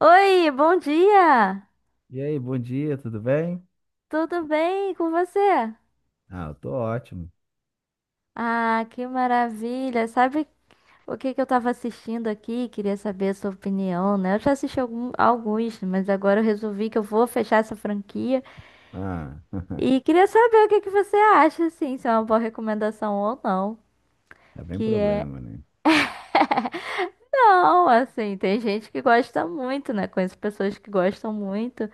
Oi, bom dia! E aí, bom dia, tudo bem? Tudo bem com você? Ah, eu tô ótimo. Ah, que maravilha! Sabe o que que eu tava assistindo aqui? Queria saber a sua opinião, né? Eu já assisti alguns, mas agora eu resolvi que eu vou fechar essa franquia Ah, e queria saber o que que você acha, assim, se é uma boa recomendação ou não. tá bem Que é. problema, né? Não, assim, tem gente que gosta muito, né? Conheço pessoas que gostam muito.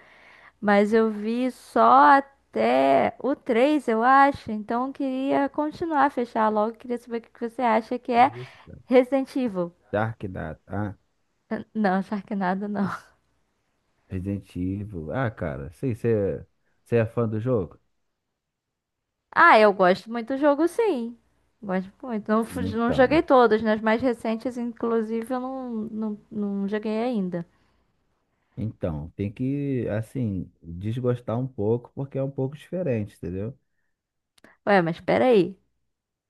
Mas eu vi só até o 3 eu acho. Então eu queria continuar, fechar logo. Queria saber o que que você acha que é Isso. Resident Evil. Dark Data, ah, Não, Sharknado não. Resident Evil. Ah, cara, sei, você é fã do jogo? Ah, eu gosto muito do jogo, sim. Gosto muito. Não, não Então, joguei todos, nas mais recentes, inclusive, eu não, não, não joguei ainda. então, tem que, assim, desgostar um pouco, porque é um pouco diferente, entendeu? Ué, mas peraí.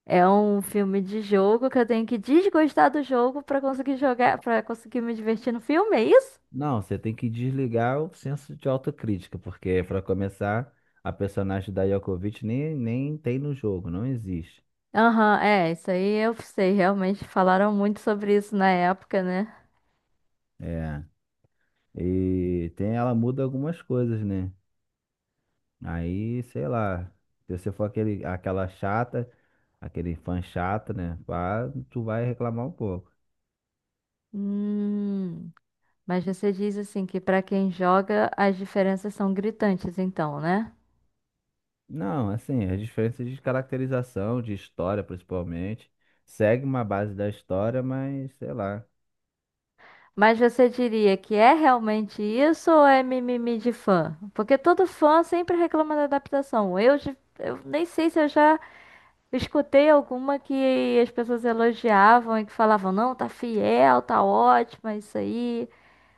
É um filme de jogo que eu tenho que desgostar do jogo pra conseguir jogar, pra conseguir me divertir no filme, é isso? Não, você tem que desligar o senso de autocrítica, porque, pra começar, a personagem da Yokovic nem tem no jogo, não existe. Aham, é, isso aí eu sei, realmente falaram muito sobre isso na época, né? É, e tem, ela muda algumas coisas, né? Aí, sei lá, se você for aquela chata, aquele fã chato, né? Pá, tu vai reclamar um pouco. Hum, mas você diz assim que pra quem joga as diferenças são gritantes, então, né? Não, assim, as diferenças de caracterização, de história principalmente, segue uma base da história, mas sei lá. Mas você diria que é realmente isso ou é mimimi de fã? Porque todo fã sempre reclama da adaptação. Eu nem sei se eu já escutei alguma que as pessoas elogiavam e que falavam, não, tá fiel, tá ótima, isso aí,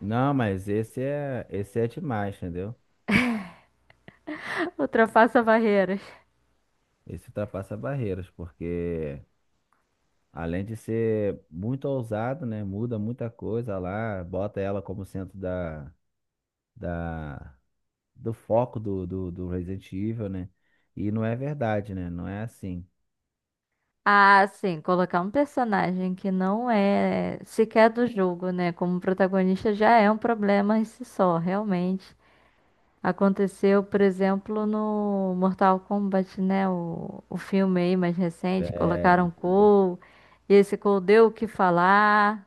Não, mas esse é demais, entendeu? ultrapassa barreiras. Esse ultrapassa barreiras, porque além de ser muito ousado, né? Muda muita coisa lá, bota ela como centro da do foco do Resident Evil, né? E não é verdade, né? Não é assim. Ah, sim, colocar um personagem que não é sequer do jogo, né? Como protagonista já é um problema em si só, realmente. Aconteceu, por exemplo, no Mortal Kombat, né? O filme aí mais recente, É, colocaram Cole, e esse Cole deu o que falar.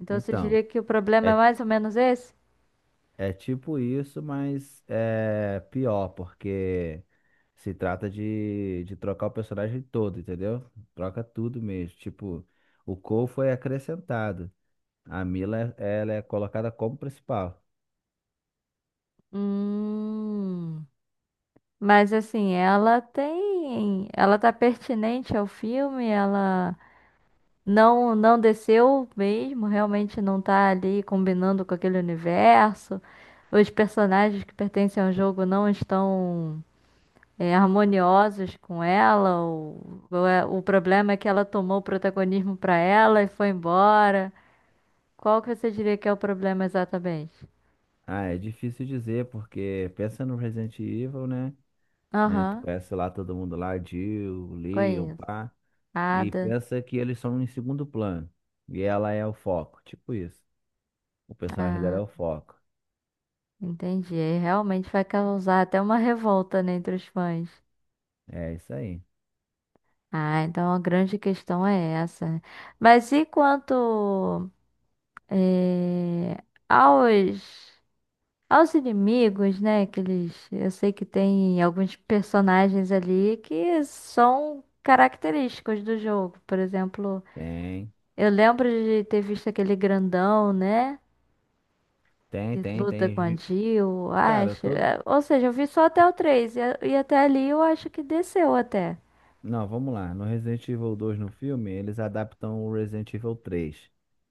Então você então, diria que o problema é é, mais ou menos esse? é tipo isso, mas é pior, porque se trata de trocar o personagem todo, entendeu? Troca tudo mesmo. Tipo, o Cole foi acrescentado. A Mila, ela é colocada como principal. Hum. Mas assim, ela tem. Ela tá pertinente ao filme, ela. Não, não desceu mesmo, realmente não tá ali combinando com aquele universo. Os personagens que pertencem ao jogo não estão é, harmoniosos com ela. O problema é que ela tomou o protagonismo pra ela e foi embora. Qual que você diria que é o problema exatamente? Ah, é difícil dizer, porque pensa no Resident Evil, né? né? Tu Aham, conhece lá todo mundo lá, Jill, Leon, conheço. pá. E Ada. pensa que eles são em segundo plano. E ela é o foco, tipo isso. O personagem dela Ah, é o foco. entendi. Aí realmente vai causar até uma revolta, né, entre os fãs. É isso aí. Ah, então a grande questão é essa, né? Mas e quanto eh, aos, aos inimigos, né? Que eles, eu sei que tem alguns personagens ali que são característicos do jogo. Por exemplo, Tem, eu lembro de ter visto aquele grandão, né? tem, Que tem, luta com tem. a vi- Jill, Cara, acho. todo. É, ou seja, eu vi só até o 3 e até ali eu acho que desceu até. Não, vamos lá. No Resident Evil dois no filme, eles adaptam o Resident Evil três,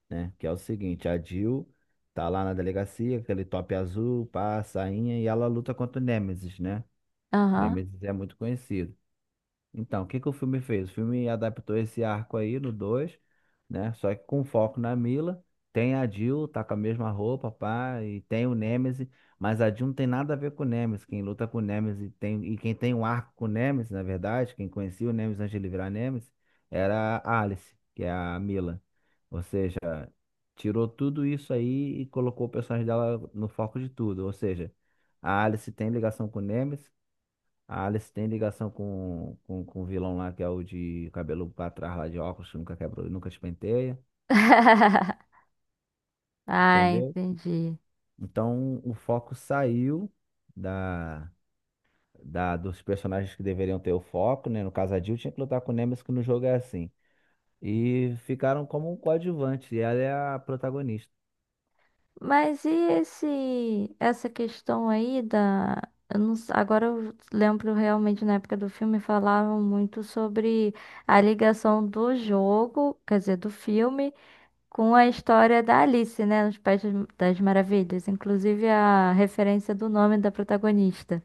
né? Que é o seguinte, a Jill tá lá na delegacia, aquele top azul, pá, a sainha, e ela luta contra o Nemesis, né? Aham. Nemesis é muito conhecido. Então, o que que o filme fez? O filme adaptou esse arco aí no dois, né? Só que com foco na Mila. Tem a Jill, tá com a mesma roupa, pá, e tem o Nemesis, mas a Jill não tem nada a ver com o Nemesis. Quem luta com o Nemesis tem, e quem tem um arco com o Nemesis, na verdade, quem conhecia o Nemesis antes de ele virar Nemesis, era a Alice, que é a Mila. Ou seja, tirou tudo isso aí e colocou o personagem dela no foco de tudo. Ou seja, a Alice tem ligação com o Nemesis, a Alice tem ligação com o vilão lá, que é o de cabelo pra trás lá de óculos, que nunca quebrou, nunca espenteia, Ah, entendeu? entendi. Então o foco saiu da, da dos personagens que deveriam ter o foco, né? No caso, a Jill tinha que lutar com o Nemesis, que no jogo é assim. E ficaram como um coadjuvante, e ela é a protagonista. Mas e essa questão aí da. Eu não s- agora eu lembro realmente na época do filme falavam muito sobre a ligação do jogo, quer dizer, do filme, com a história da Alice, né? Nos Países das Maravilhas. Inclusive a referência do nome da protagonista.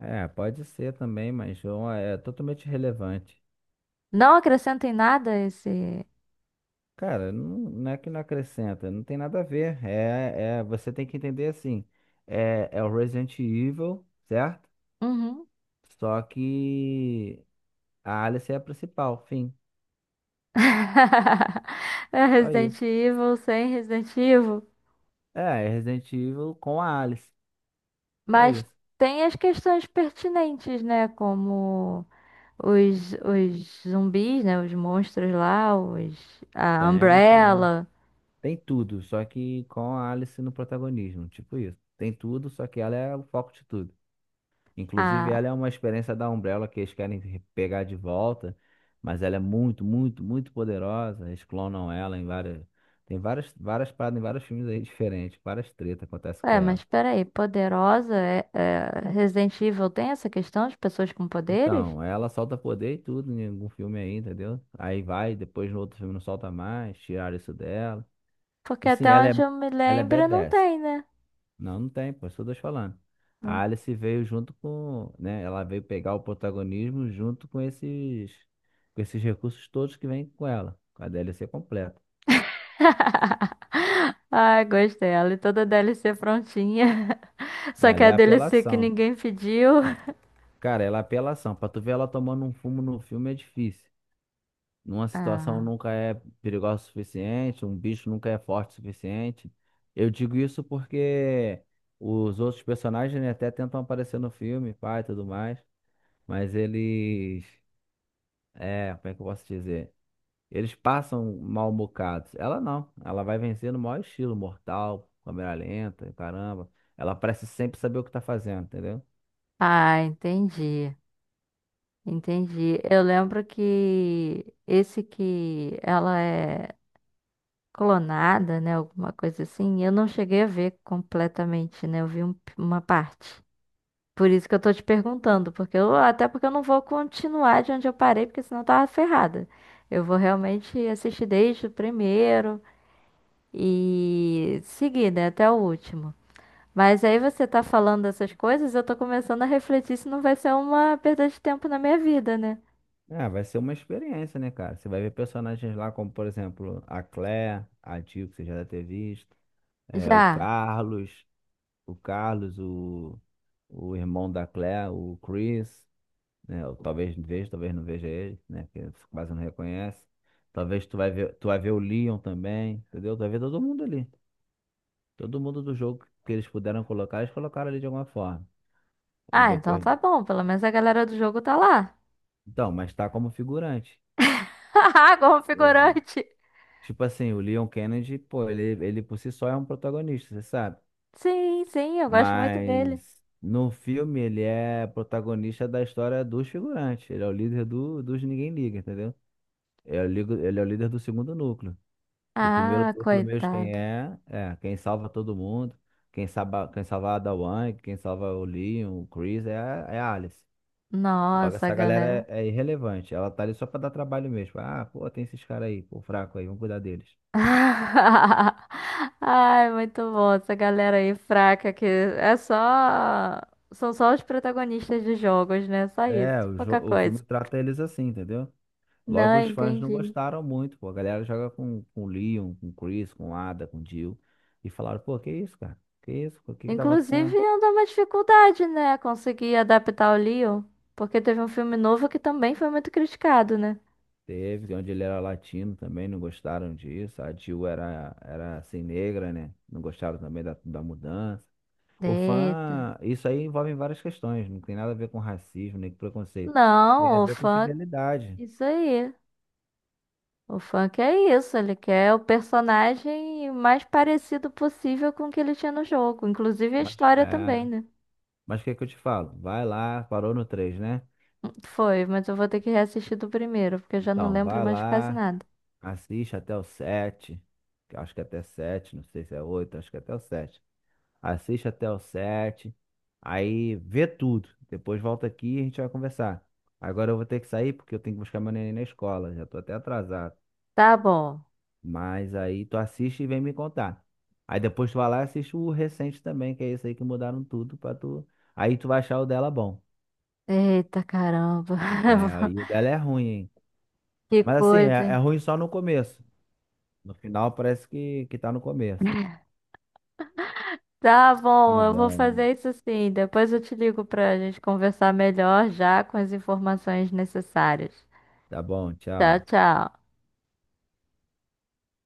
É, pode ser também, mas João é totalmente relevante. Não acrescenta em nada esse. Cara, não, não é que não acrescenta, não tem nada a ver. Você tem que entender assim. É o Resident Evil, certo? Uhum. Só que a Alice é a principal, fim. É Só Resident isso. Evil sem Resident Evil. É, é Resident Evil com a Alice. Só Mas isso. tem as questões pertinentes, né? Como os zumbis, né? Os monstros lá, os, a Tem, tem. Umbrella, Tem tudo, só que com a Alice no protagonismo, tipo isso. Tem tudo, só que ela é o foco de tudo. Inclusive, a. ela é uma experiência da Umbrella que eles querem pegar de volta, mas ela é muito, muito, muito poderosa. Eles clonam ela em várias. Tem várias, várias paradas em vários filmes aí diferentes, várias tretas acontecem com É, mas ela. peraí, poderosa é, Resident Evil tem essa questão de pessoas com poderes? Então, ela solta poder e tudo em algum filme aí, entendeu? Aí vai, depois no outro filme não solta mais, tiraram isso dela. Porque E sim, até onde eu me ela é lembro não badass. tem, né? Não, não tem, pô, isso que eu tô te falando. A Não. Alice veio junto com, né? Ela veio pegar o protagonismo junto com com esses recursos todos que vêm com ela, com a DLC completa. Ai, gostei. Ela e toda a DLC prontinha. Só que Ela é a é DLC que apelação. ninguém pediu. Cara, ela é apelação. Pra tu ver ela tomando um fumo no filme é difícil. Numa situação Ah, nunca é perigosa o suficiente, um bicho nunca é forte o suficiente. Eu digo isso porque os outros personagens, né, até tentam aparecer no filme, pai e tudo mais, mas eles. É, como é que eu posso dizer? Eles passam mal bocados. Ela não. Ela vai vencer no maior estilo, mortal, câmera lenta, caramba. Ela parece sempre saber o que tá fazendo, entendeu? ah, entendi. Entendi. Eu lembro que esse que ela é clonada, né? Alguma coisa assim, eu não cheguei a ver completamente, né? Eu vi uma parte. Por isso que eu tô te perguntando, porque eu, até porque eu não vou continuar de onde eu parei, porque senão eu tava ferrada. Eu vou realmente assistir desde o primeiro e seguir, né, até o último. Mas aí você tá falando essas coisas, eu tô começando a refletir se não vai ser uma perda de tempo na minha vida, né? É, vai ser uma experiência, né, cara? Você vai ver personagens lá como, por exemplo, a Claire, a Jill, que você já deve ter visto, é, o Já. Carlos, o Carlos, o irmão da Claire, o Chris, né? Eu talvez veja, talvez não veja ele, né? Porque quase não reconhece. Talvez tu vai ver o Leon também, entendeu? Tu vai ver todo mundo ali. Todo mundo do jogo que eles puderam colocar, eles colocaram ali de alguma forma, em Ah, então decorrer. tá bom. Pelo menos a galera do jogo tá lá. Então, mas tá como figurante. Haha, como Uhum. figurante. Tipo assim, o Leon Kennedy, pô, ele por si só é um protagonista, você sabe? Sim, sim, eu gosto muito dele. Mas no filme ele é protagonista da história dos figurantes. Ele é o líder dos Ninguém Liga, entendeu? Ele é ele é o líder do segundo núcleo. Do primeiro Ah, núcleo mesmo, quem coitado. é, é quem salva todo mundo. Quem salva a Ada Wong, quem salva o Leon, o Chris, é a Alice. Logo, Nossa, essa galera galera. É irrelevante. Ela tá ali só pra dar trabalho mesmo. Ah, pô, tem esses caras aí, pô, fraco aí, vamos cuidar deles. Ai, muito bom. Essa galera aí fraca que é só. São só os protagonistas de jogos, né? Só isso. É, Pouca o filme coisa. trata eles assim, entendeu? Logo, Não, os fãs não entendi. gostaram muito, pô. A galera joga com o Leon, com o Chris, com o Ada, com o Jill. E falaram, pô, que isso, cara? Que isso? O que que tá Inclusive, acontecendo? anda uma dificuldade, né? Conseguir adaptar o Leon. Porque teve um filme novo que também foi muito criticado, né? Teve, onde ele era latino também, não gostaram disso. A Jill era assim, negra, né? Não gostaram também da mudança. O fã, isso aí envolve várias questões, não tem nada a ver com racismo nem com preconceito. Tem a Não, o ver com funk, fidelidade. isso aí. O funk é isso, ele quer o personagem mais parecido possível com o que ele tinha no jogo, inclusive a Mas, história também, é, né? mas o que é que eu te falo? Vai lá, parou no 3, né? Foi, mas eu vou ter que reassistir do primeiro, porque eu já não Então, lembro vai mais de quase lá, nada. assiste até o 7. Que eu acho que é até 7, não sei se é 8. Acho que é até o 7. Assiste até o 7. Aí vê tudo. Depois volta aqui e a gente vai conversar. Agora eu vou ter que sair porque eu tenho que buscar meu neném na escola, já tô até atrasado. Tá bom. Mas aí tu assiste e vem me contar. Aí depois tu vai lá e assiste o recente também, que é esse aí que mudaram tudo pra tu. Aí tu vai achar o dela bom. Eita caramba. É, aí o dela é ruim, hein? Que Mas assim, coisa, é hein? ruim só no começo. No final parece que tá no começo. Tá bom, Tá eu vou bom. fazer isso sim. Depois eu te ligo pra gente conversar melhor já com as informações necessárias. Tá bom, Tchau, tchau. tchau.